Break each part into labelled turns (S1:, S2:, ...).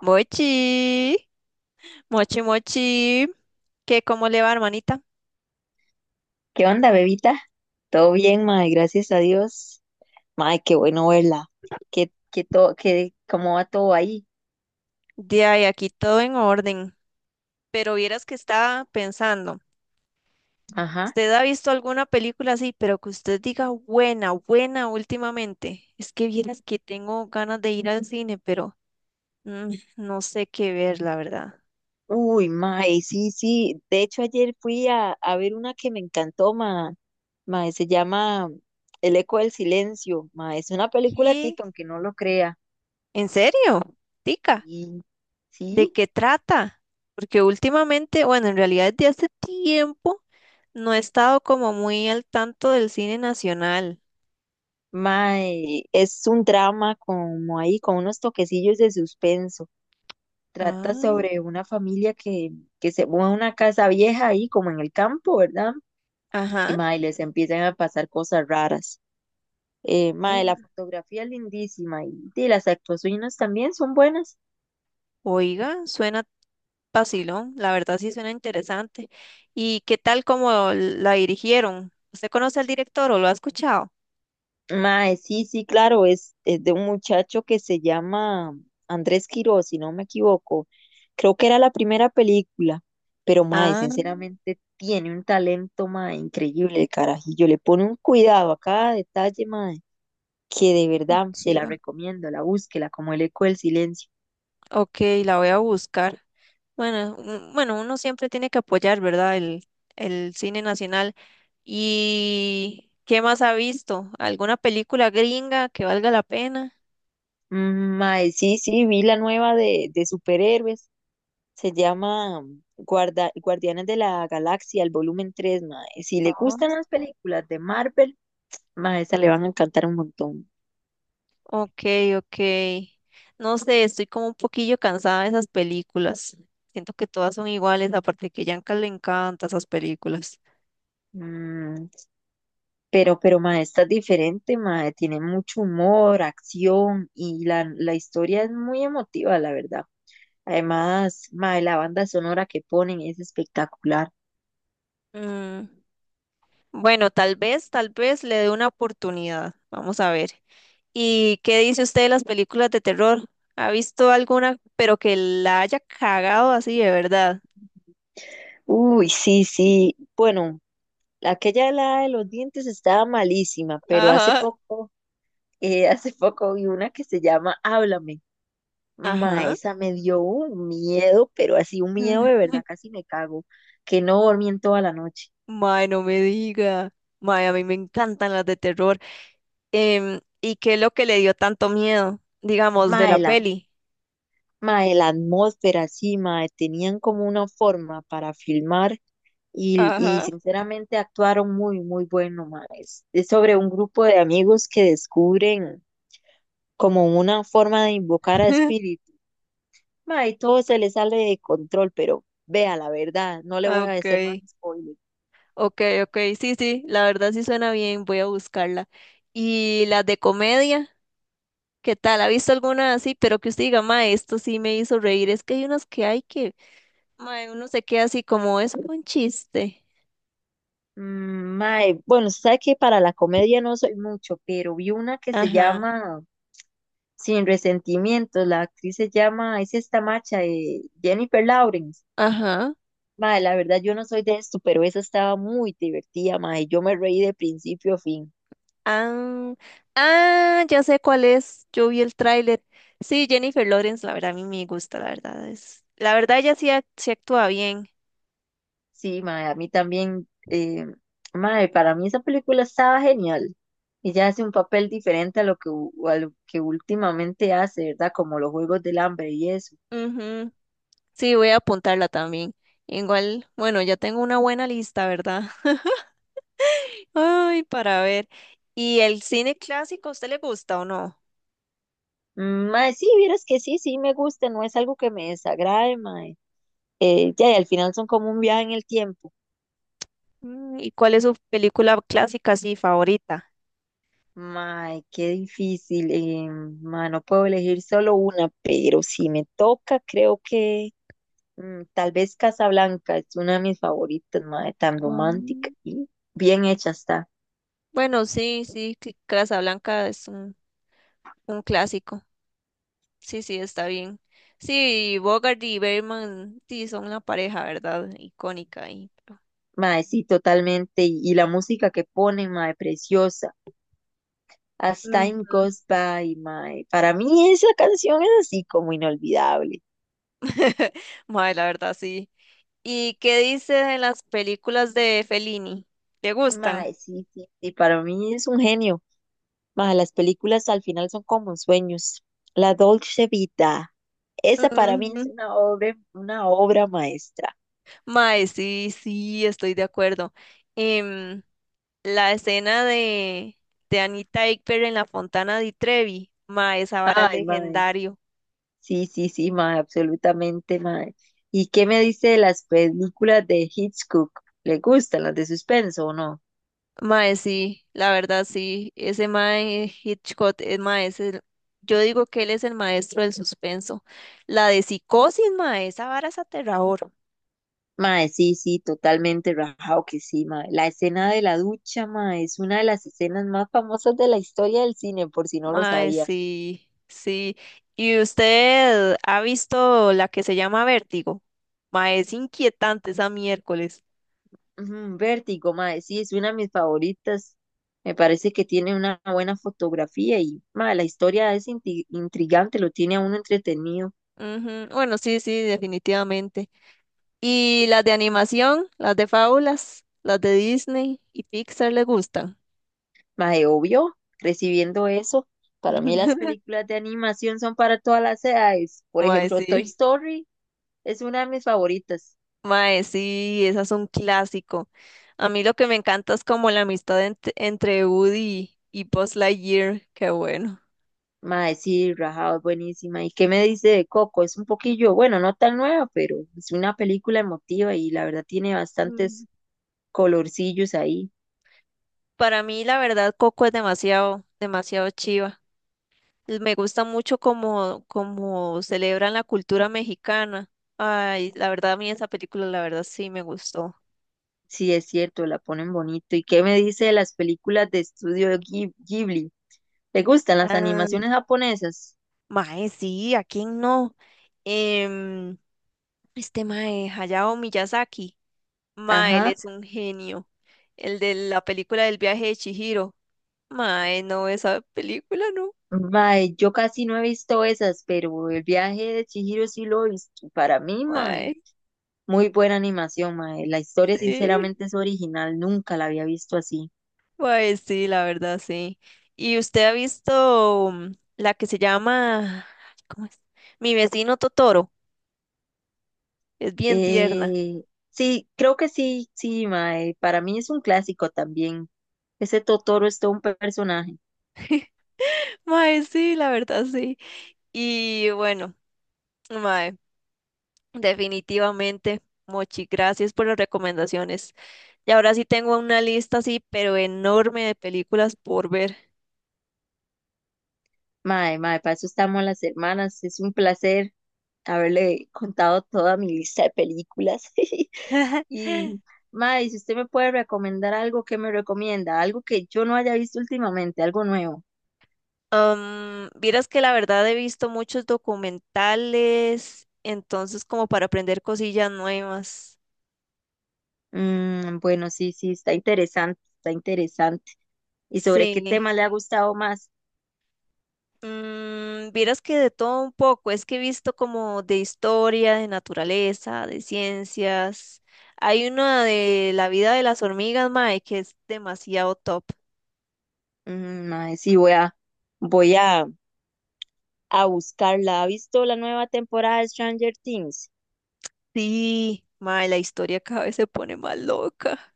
S1: Mochi, mochi, mochi, ¿qué cómo le va, hermanita?
S2: ¿Qué onda, bebita? ¿Todo bien, mae? Gracias a Dios. Mae, qué bueno verla. ¿ cómo va todo ahí?
S1: De ahí aquí todo en orden. Pero vieras que estaba pensando,
S2: Ajá.
S1: ¿usted ha visto alguna película así, pero que usted diga buena, buena últimamente? Es que vieras que tengo ganas de ir al cine, pero no sé qué ver, la verdad.
S2: Uy, mae, sí, sí. De hecho, ayer fui a ver una que me encantó, mae. Mae, se llama El eco del silencio. Mae, es una película
S1: ¿Qué?
S2: tica, aunque no lo crea.
S1: ¿En serio? Tica,
S2: Y
S1: ¿de
S2: sí,
S1: qué trata? Porque últimamente, bueno, en realidad desde hace tiempo no he estado como muy al tanto del cine nacional.
S2: mae, es un drama como ahí, con unos toquecillos de suspenso. Trata
S1: Ah,
S2: sobre una familia que se mueve a una casa vieja ahí, como en el campo, ¿verdad? Y
S1: ajá.
S2: mae, les empiezan a pasar cosas raras. Mae, la
S1: Oiga.
S2: fotografía es lindísima y las actuaciones también son buenas.
S1: Oiga, suena vacilón, la verdad sí suena interesante. ¿Y qué tal como la dirigieron? ¿Usted conoce al director o lo ha escuchado?
S2: Mae, sí, sí, claro, es de un muchacho que se llama Andrés Quiroz, si no me equivoco. Creo que era la primera película, pero mae,
S1: Ah,
S2: sinceramente tiene un talento, mae, increíble el carajillo. Le pone un cuidado a cada detalle, mae, que de verdad se la
S1: chiva.
S2: recomiendo, la búsquela, como el eco del silencio.
S1: Ok, la voy a buscar. Bueno, bueno, uno siempre tiene que apoyar, ¿verdad? El cine nacional. ¿Y qué más ha visto? ¿Alguna película gringa que valga la pena?
S2: Mae, sí, sí, vi la nueva de superhéroes, se llama Guardianes de la Galaxia, el volumen 3, mae. Si le gustan las películas de Marvel, mae, esa le van a encantar un montón.
S1: Ok, ok. No sé, estoy como un poquillo cansada de esas películas. Siento que todas son iguales, aparte que a Yanka le encantan esas películas.
S2: Mm, pero mae, esta es diferente, mae, tiene mucho humor, acción y la historia es muy emotiva, la verdad. Además, mae, la banda sonora que ponen es espectacular.
S1: Mm, Bueno, tal vez le dé una oportunidad. Vamos a ver. ¿Y qué dice usted de las películas de terror? ¿Ha visto alguna, pero que la haya cagado así de verdad?
S2: Uy, sí, sí. Bueno, aquella helada de los dientes estaba malísima, pero hace
S1: Ajá.
S2: poco, hace poco vi una que se llama Háblame. Ma,
S1: Ajá.
S2: esa me dio un miedo, pero así un miedo de verdad, casi me cago, que no dormí en toda la noche.
S1: Mae, no me diga. Mae, a mí me encantan las de terror. ¿Y qué es lo que le dio tanto miedo, digamos,
S2: Ma,
S1: de la
S2: de la,
S1: peli?
S2: ma, de atmósfera, sí, ma, tenían como una forma para filmar y
S1: Ajá.
S2: sinceramente actuaron muy bueno, ma. Es sobre un grupo de amigos que descubren como una forma de invocar a espíritus. Ma, y todo se le sale de control, pero vea la verdad, no le
S1: Ah,
S2: voy a
S1: ok,
S2: decir más spoilers.
S1: ok, ok, sí, sí, la verdad sí suena bien, voy a buscarla. ¿Y las de comedia? ¿Qué tal? ¿Ha visto alguna así? Pero que usted diga, ma, esto sí me hizo reír. Es que hay unos que hay que, ma, uno se queda así como, es un chiste.
S2: Mae, bueno, sabe que para la comedia no soy mucho, pero vi una que se
S1: Ajá,
S2: llama Sin Resentimientos, la actriz se llama, es esta macha de Jennifer Lawrence.
S1: ajá.
S2: Mae, la verdad yo no soy de esto, pero esa estaba muy divertida, mae, yo me reí de principio a fin.
S1: Ah, ah, ya sé cuál es. Yo vi el tráiler. Sí, Jennifer Lawrence, la verdad, a mí me gusta, la verdad. Es, la verdad, ella sí, sí actúa bien.
S2: Sí, mae, a mí también, mae, para mí esa película estaba genial. Ella hace un papel diferente a lo que, a lo que últimamente hace, ¿verdad? Como los Juegos del Hambre y eso.
S1: Ujú. Sí, voy a apuntarla también. Igual, bueno, ya tengo una buena lista, ¿verdad? Ay, para ver. ¿Y el cine clásico, a usted le gusta o no?
S2: Mae, sí, vieras que sí, sí me gusta, no es algo que me desagrade, mae. Ya, y al final son como un viaje en el tiempo.
S1: ¿Y cuál es su película clásica, sí, favorita?
S2: Mae, qué difícil. Mae, no puedo elegir solo una, pero si me toca, creo que... Mm, tal vez Casablanca es una de mis favoritas, mae, tan romántica
S1: Mm,
S2: y bien hecha está.
S1: bueno, sí, sí, Casablanca es un clásico. Sí, sí, está bien. Sí, Bogart y Bergman, sí, son una pareja, ¿verdad? Icónica y...
S2: Mae, sí, totalmente. Y la música que ponen, mae, preciosa. As Time
S1: Ujú.
S2: Goes By, mae. Para mí esa canción es así como inolvidable.
S1: Mae, la verdad, sí. ¿Y qué dice de las películas de Fellini? ¿Te gustan?
S2: Mae, sí, sí, sí, para mí es un genio. Mae, las películas al final son como sueños. La Dolce Vita, esa para mí es
S1: Ujú.
S2: una obra maestra.
S1: Mae, sí, sí, estoy de acuerdo. Em, la escena de, Anita Ekberg en la Fontana di Trevi, mae, esa vara
S2: Ay, mae.
S1: legendario.
S2: Sí, sí, sí, mae, absolutamente, mae. ¿Y qué me dice de las películas de Hitchcock? ¿Le gustan las de suspenso o no?
S1: Mae, sí, la verdad sí, ese Mae Hitchcock, es mae, yo digo que él es el maestro del suspenso. La de psicosis, mae, esa vara es aterrador.
S2: Mae, sí, sí, totalmente rajado que sí, mae. La escena de la ducha, mae, es una de las escenas más famosas de la historia del cine, por si no lo
S1: Mae,
S2: sabía.
S1: sí, sí. ¿Y usted ha visto la que se llama Vértigo? Mae, es inquietante esa miércoles.
S2: Ujú. Vértigo, mae, sí, es una de mis favoritas. Me parece que tiene una buena fotografía y, mae, la historia es intrigante, lo tiene a uno entretenido.
S1: Ujú. Bueno, sí, sí, definitivamente. ¿Y las de animación, las de fábulas, las de Disney y Pixar le gustan?
S2: Mae, obvio, recibiendo eso, para mí las películas de animación son para todas las edades. Por
S1: Mae,
S2: ejemplo, Toy
S1: sí.
S2: Story es una de mis favoritas.
S1: Mae, sí, esas son clásico. A mí lo que me encanta es como la amistad entre Woody y Buzz Lightyear, qué bueno.
S2: Mae, sí, rajado, es buenísima. ¿Y qué me dice de Coco? Es un poquillo, bueno, no tan nueva, pero es una película emotiva y la verdad tiene
S1: Mm.
S2: bastantes colorcillos ahí.
S1: Para mí, la verdad, Coco es demasiado, demasiado chiva. Me gusta mucho como celebran la cultura mexicana. Ay, la verdad, a mí esa película, la verdad, sí me gustó.
S2: Sí, es cierto, la ponen bonito. ¿Y qué me dice de las películas de estudio Ghibli? ¿Le gustan las
S1: Ah,
S2: animaciones japonesas?
S1: mae, sí, ¿a quién no? Em, este mae, Hayao Miyazaki. Mae, él
S2: Ajá.
S1: es un genio. El de la película del viaje de Chihiro. Mae, no, esa película no.
S2: Mae, yo casi no he visto esas, pero el viaje de Chihiro sí lo he visto. Para mí, mae,
S1: Mae,
S2: muy buena animación, mae. La historia
S1: sí.
S2: sinceramente es original, nunca la había visto así.
S1: Mae, sí, la verdad, sí. ¿Y usted ha visto la que se llama, ay, ¿cómo es? Mi vecino Totoro. Es bien tierna.
S2: Eh, sí, creo que sí, sí, mae. Para mí es un clásico también. Ese Totoro es todo un personaje.
S1: Mae, sí, la verdad, sí. Y bueno, mae, definitivamente, Mochi, gracias por las recomendaciones. Y ahora sí tengo una lista así, pero enorme de películas por ver.
S2: Mae, mae, para eso estamos las hermanas. Es un placer haberle contado toda mi lista de películas. Y, mae, si usted me puede recomendar algo, ¿qué me recomienda? Algo que yo no haya visto últimamente, algo nuevo.
S1: Vieras que la verdad he visto muchos documentales, entonces como para aprender cosillas nuevas.
S2: Mm, bueno, sí, sí, está interesante, está interesante. ¿Y sobre qué
S1: Sí.
S2: tema le ha gustado más?
S1: Vieras que de todo un poco, es que he visto como de historia, de naturaleza, de ciencias. Hay una de la vida de las hormigas, mae, que es demasiado top.
S2: Mae, sí, voy a, a buscarla. ¿Ha visto la nueva temporada de Stranger Things?
S1: Sí, mae, la historia cada vez se pone más loca.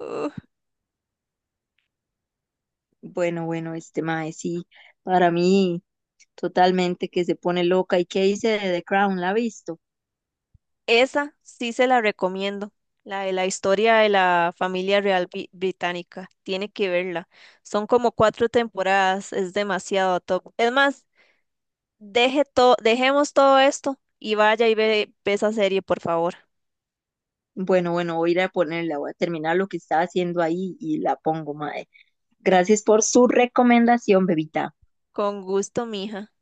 S2: Bueno, bueno, este mae, sí, para mí totalmente que se pone loca. ¿Y qué dice de The Crown? ¿La ha visto?
S1: Esa sí se la recomiendo, la de la historia de la familia real británica. Tiene que verla. Son como cuatro temporadas, es demasiado top. Es más, deje dejemos todo esto y vaya y ve, ve esa serie, por favor.
S2: Bueno, bueno, voy a ir a ponerla, voy a terminar lo que estaba haciendo ahí y la pongo, mae. Gracias por su recomendación, bebita.
S1: Con gusto, mija.